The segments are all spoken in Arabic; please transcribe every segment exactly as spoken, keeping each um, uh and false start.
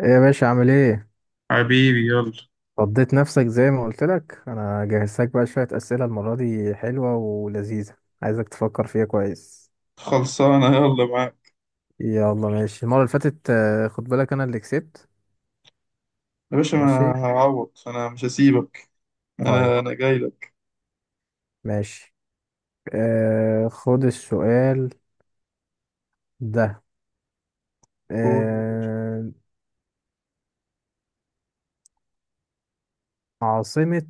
ايه يا باشا عامل ايه؟ حبيبي يلا. فضيت نفسك زي ما قلت لك، انا جهزتك بقى شوية أسئلة المرة دي حلوة ولذيذة، عايزك تفكر فيها كويس. خلصانة، يلا معاك. يلا ماشي، المرة اللي فاتت آه، خد بالك انا اللي كسبت. يا باشا أنا ماشي. هعوض، أنا مش هسيبك. أنا طيب. أنا جاي لك. ماشي. آه، خد السؤال ده. قول يا باشا. آه. عاصمة.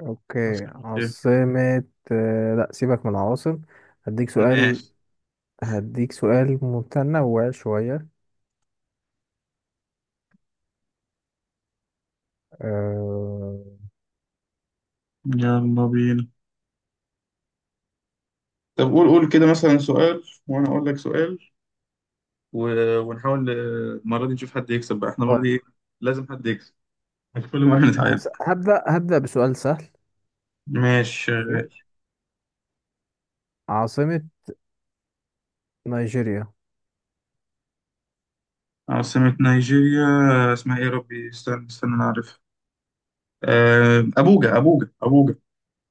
اوكي هسألك إيه؟ عاصمة. آه لا، سيبك من العواصم، هديك سؤال. ماشي، هديك سؤال متنوع شوية. آه... يلا بينا. طب قول قول كده مثلا سؤال وأنا أقول لك سؤال و... ونحاول آه، المرة دي نشوف حد يكسب بقى، إحنا المرة دي طيب. إيه؟ لازم حد يكسب، كل مرة نتعادل. هس- هبدأ هبدأ بسؤال سهل. ماشي ماشي. شغال. عاصمة نيجيريا. عاصمة نيجيريا، آه، اسمها إيه يا ربي؟ استنى استنى، أنا عارفها. آه، أبوجا أبوجا أبوجا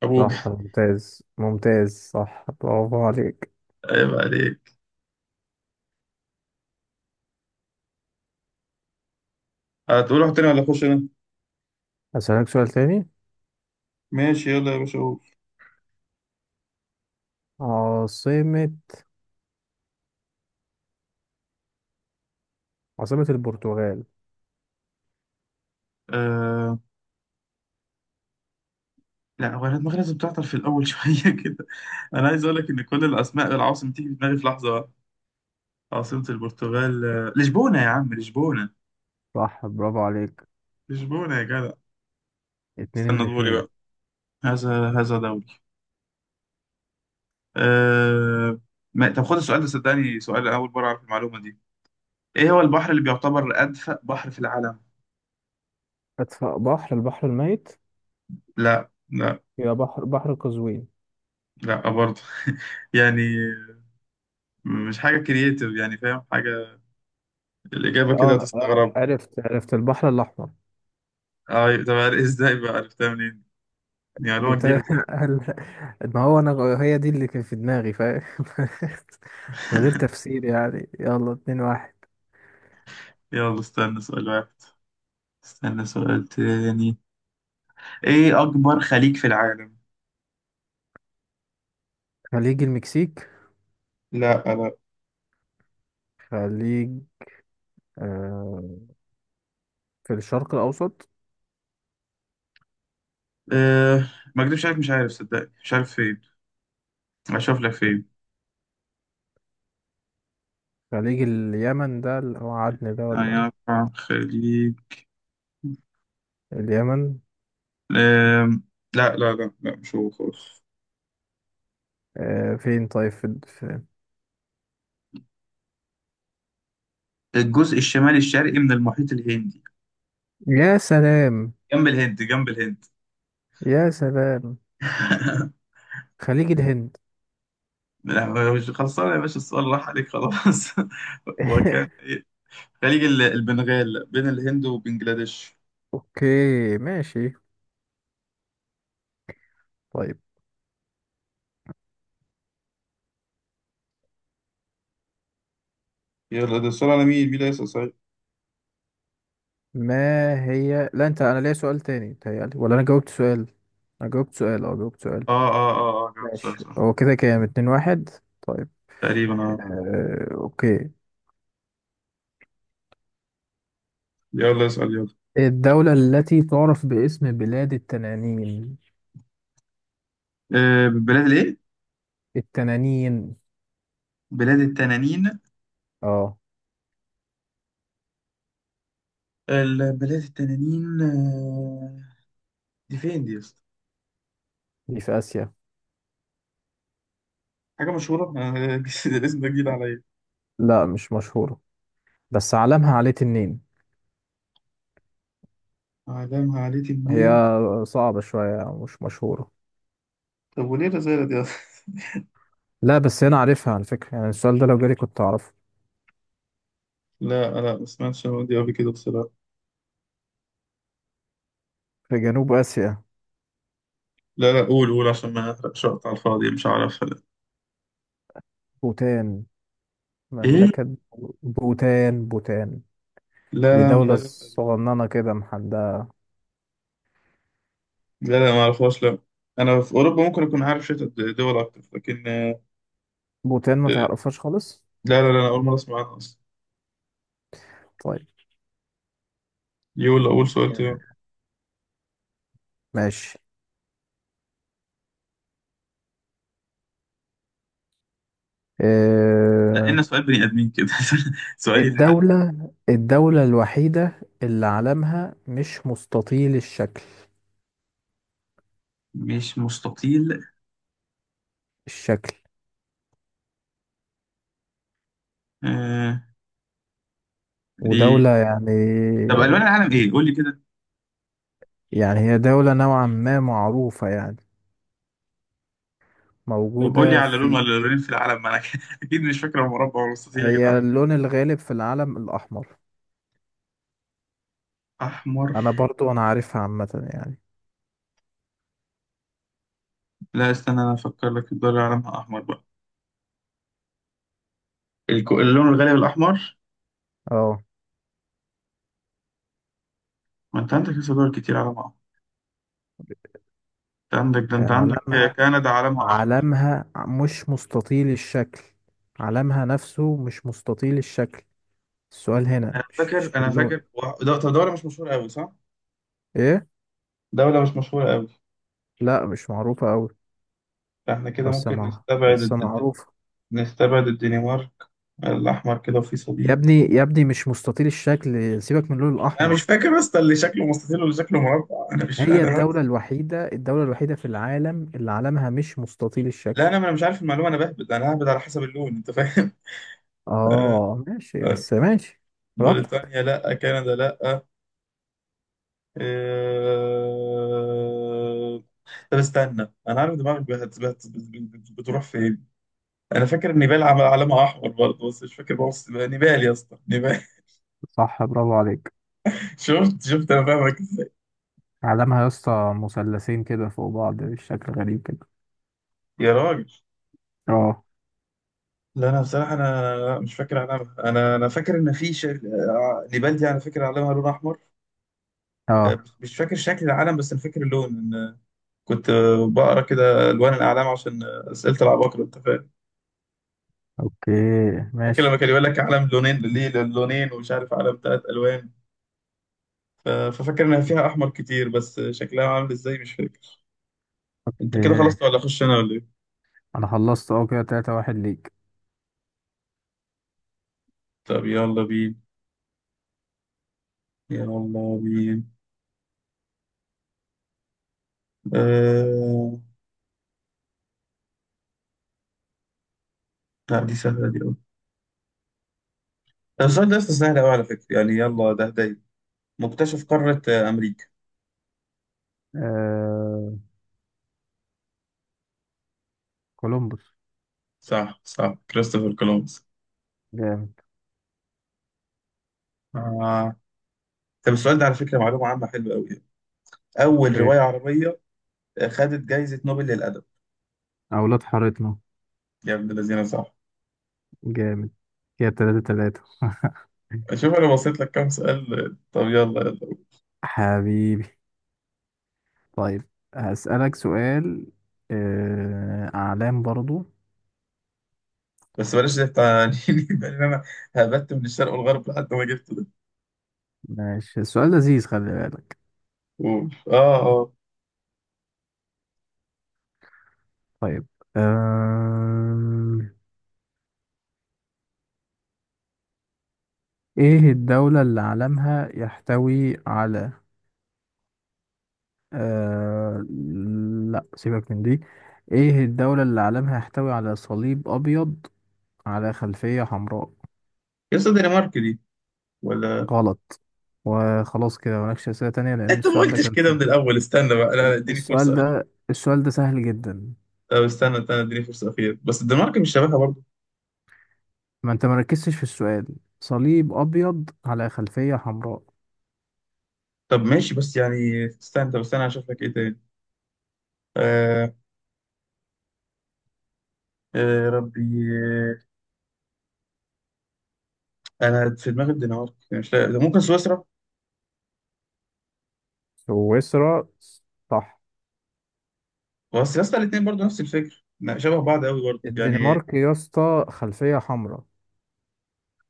أبوجا. صح، ممتاز ممتاز، صح، برافو عليك. عيب عليك. هتقول واحد تاني ولا أخش أنا؟ أسألك سؤال تاني. ماشي يلا يا باشا قول. عاصمة عاصمة البرتغال. آه... لا هو انا دماغي لازم تعطل في الاول شويه كده. انا عايز اقول لك ان كل الاسماء العواصم تيجي في دماغي في لحظه واحدة. عاصمه البرتغال، آه، لشبونه، يا عم لشبونه. صح، برافو عليك. لشبونه يا جدع. اتنين من استنى دوري اتنين. بقى. هذا هذا دوري. آه... ما... طب خد السؤال ده، صدقني سؤال اول مره اعرف المعلومه دي. ايه هو البحر اللي بيعتبر ادفأ بحر في العالم؟ أدفأ بحر البحر الميت. لا لا. يبقى بحر بحر قزوين. لا برضه. يعني مش حاجه كرييتيف يعني، فاهم حاجه، الاجابه كده اه لا، اه، هتستغرب. عرفت عرفت، البحر الأحمر. اه طب عر- ازاي بقى عرفتها منين؟ دي معلومة جديدة جبتها. بصراحة. ما هو أنا غ- هي دي اللي كانت في دماغي، فاهم. من غير تفسير يعني. يلا اتنين واحد. يلا استنى سؤال واحد. استنى سؤال تاني. ايه اكبر خليج في العالم؟ خليج المكسيك. لا لا. خليج. آه، في الشرق الأوسط. أه ما اكدبش عليك، مش عارف صدقني، مش عارف فين. اشوف لك فين. خليج اليمن، ده اللي هو عدن ده، ولا يعني أكبر خليج. اليمن. أم... لا لا لا لا، مش هو خالص. آه فين؟ طيب في, في الجزء الشمالي الشرقي من المحيط الهندي. يا سلام. جنب الهند جنب الهند. يا سلام. خليج الهند. لا مش خلصانة يا باشا، السؤال راح عليك خلاص. وكان خليج ال- البنغال بين الهند وبنجلاديش. أوكي ماشي. طيب. يلا ده السؤال على مين، مين اللي هيسأل صحيح؟ ما هي، لا أنت، أنا ليا سؤال تاني بتهيألي ولا أنا جاوبت سؤال؟ أنا جاوبت سؤال، أه جاوبت سؤال. اه اه اه اه جاوبت سؤال ماشي، صح. هو كده كام؟ اتنين واحد. طيب. تقريبا اه. آه أوكي. يلا اسأل يلا. الدولة التي تعرف باسم بلاد التنانين. آه، بلاد الايه؟ التنانين. بلاد التنانين. اه. البلاد التنانين. آه، دي فين دي يا اسطى؟ دي في آسيا. حاجة مشهورة. آه، الاسم ده جديد عليا. لا مش مشهورة، بس علمها عليه تنين. أعلامها عليتي هي منين؟ صعبة شوية أو مش مشهورة. طب وليه الرسالة دي أصلا؟ لا بس أنا عارفها على فكرة يعني، السؤال ده لو جالي كنت أعرفه. لا لا، ما سمعتش عن دي قبل كده بصراحة. في جنوب آسيا. لا لا، قول قول عشان ما احرقش وقت على الفاضي، مش عارفها لا. بوتان. ايه؟ مملكة. بوتان بوتان. لا دي لا، مش دولة عارفها. صغننة كده محددة. لا لا، ما اعرفهاش لا. انا في اوروبا ممكن اكون عارف شويه د- دول اكتر، لكن آه، بوتان ما آه، تعرفهاش خالص؟ لا لا لا، انا اول مره اسمع عنها اصلا. طيب. يقول اول سؤال تاني. ماشي. أه. نقلنا سؤال بني ادمين كده. سؤال يتحل. الدولة الدولة الوحيدة اللي علمها مش مستطيل الشكل. مش مستطيل، الشكل. آه دي. ودولة يعني. طب الوان العالم ايه؟ قول لي كده. يعني هي دولة نوعا ما معروفة يعني، طب قول لي موجودة على لون في. ولا لونين في العالم، ما انا اكيد مش فاكر المربع والمستطيل يا هي جدعان. اللون الغالب في العلم الأحمر. احمر. أنا برضو أنا عارفها عامة يعني. لا استنى، انا افكر لك الدول اللي علمها احمر بقى. الك- اللون الغالي الاحمر. اه. ما انت عندك لسه دول كتير علمها احمر. انت عندك ده، هي انت عندك. علمها، كندا علمها احمر. علمها مش مستطيل الشكل، علمها نفسه مش مستطيل الشكل. السؤال هنا انا مش مش فاكر في انا اللون. فاكر و- ده- طب دولة مش مشهورة قوي صح؟ إيه؟ دولة مش مشهورة قوي. لا مش معروفة أوي، فاحنا كده بس ممكن مع نستبعد بس الد... الد- معروفة. نستبعد الدنمارك. الاحمر كده وفي يا صليب. ابني يا ابني، مش مستطيل الشكل، سيبك من اللون انا الأحمر. مش فاكر اصلا اللي شكله مستطيل واللي شكله مربع، انا مش هي انا الدولة الوحيدة، الدولة الوحيدة في العالم اللي علمها مش مستطيل لا الشكل. انا انا مش عارف المعلومه، انا بهبد، انا ههبد على حسب اللون، انت فاهم. آه. اه ماشي، آه. بس ماشي. براحتك. بريطانيا لا، كندا لا، آه. آه، طب استنى، انا عارف دماغك بت- بت- بت- بت- بتروح فين. انا فاكر النبال عمل علامه احمر برضه، بس مش فاكر، بص بقى نبال يا اسطى نبال. صح، برافو عليك. شفت شفت، انا فاهمك ازاي. علمها يا اسطى مثلثين كده فوق بعض بشكل غريب كده. يا راجل، اه. لا انا بصراحه انا لا، مش فاكر علامه، انا انا فاكر ان في ش... آه، نبال دي انا فاكر علامها لون احمر. اه. آه، مش فاكر شكل العلم بس انا فاكر اللون. ان كنت آه، بقرا كده الوان الاعلام عشان آه، اسئله العباقره، انت فاهم. اوكي فاكر ماشي. لما كان يقول لك علم لونين، ليه لونين ومش عارف علم ثلاث الوان. ف- ففاكر انها فيها احمر كتير، بس شكلها عامل ازاي مش فاكر. انت كده ايه؟ خلصت ولا اخش انا ولا ايه؟ انا خلصت، اه، كده تلاتة واحد ليك. طب يلا بينا. يلا بينا. آه... لا دي سهلة دي أوي. السؤال ده أصلا سهل أوي على فكرة، يعني يلا ده هدايا. مكتشف قارة آه، أمريكا. آه. كولومبوس. صح صح، كريستوفر كولومبس. جامد. آه. طب السؤال ده على فكرة معلومة عامة حلوة أوي يعني. أول اوكي. رواية عربية آه، خدت جايزة نوبل للأدب. اولاد حارتنا. يا ابن الذين صح. جامد. كده تلاتة تلاتة. شوف أنا بصيت لك كام سؤال، آه، طب يلا يلا. حبيبي. طيب، هسألك سؤال، آه، أعلام برضو. بس بلاش ده بتاع يبان إن أنا هبت من الشرق والغرب لحد ما جبت ده. ماشي، السؤال لذيذ خلي بالك. قول آه آه. طيب. آم، إيه الدولة اللي علمها يحتوي على، آه، لا سيبك من دي. إيه الدولة اللي علمها يحتوي على صليب أبيض على خلفية حمراء؟ يا أستاذ دنمارك دي، ولا؟ غلط. وخلاص كده مالكش أسئلة تانية، لأن انت ما السؤال ده قلتش كان كده سهل. من الاول، استنى بقى، لا لا اديني فرصه السؤال اخيره. ده السؤال ده سهل جدا. طب استنى استنى اديني فرصه اخيره، بس الدنمارك مش شبهها برضه. ما انت مركزتش في السؤال، صليب ابيض على خلفية حمراء. طب ماشي بس يعني استنى، طب استنى هشوف لك ايه تاني. آه، آه ربي، آه. انا في دماغي الدنمارك يعني، مش لاقي، ده ممكن سويسرا. سويسرا، صح. بس يا اسطى الاثنين برضه نفس الفكر لا، شبه بعض قوي برضه يعني. الدنمارك يا اسطى خلفية حمراء.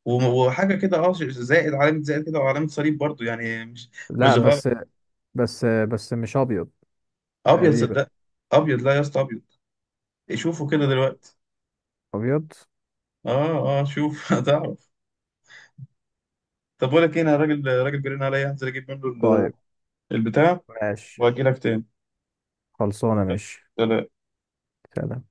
وم- وحاجه كده، اه ش- زائد، علامه زائد كده وعلامه صليب برضه، يعني مش لا مش غلط. بس، بس بس مش ابيض. ابيض تقريبا. صدق. ابيض، لا يا اسطى ابيض. شوفوا كده دلوقتي. ابيض. اه اه، شوف هتعرف. طب بقول لك ايه، انا راجل راجل جرينا عليا، هنزل اجيب منه ال- طيب البتاع ماشي. واجي لك خلصانة، ماشي. تاني. سلام.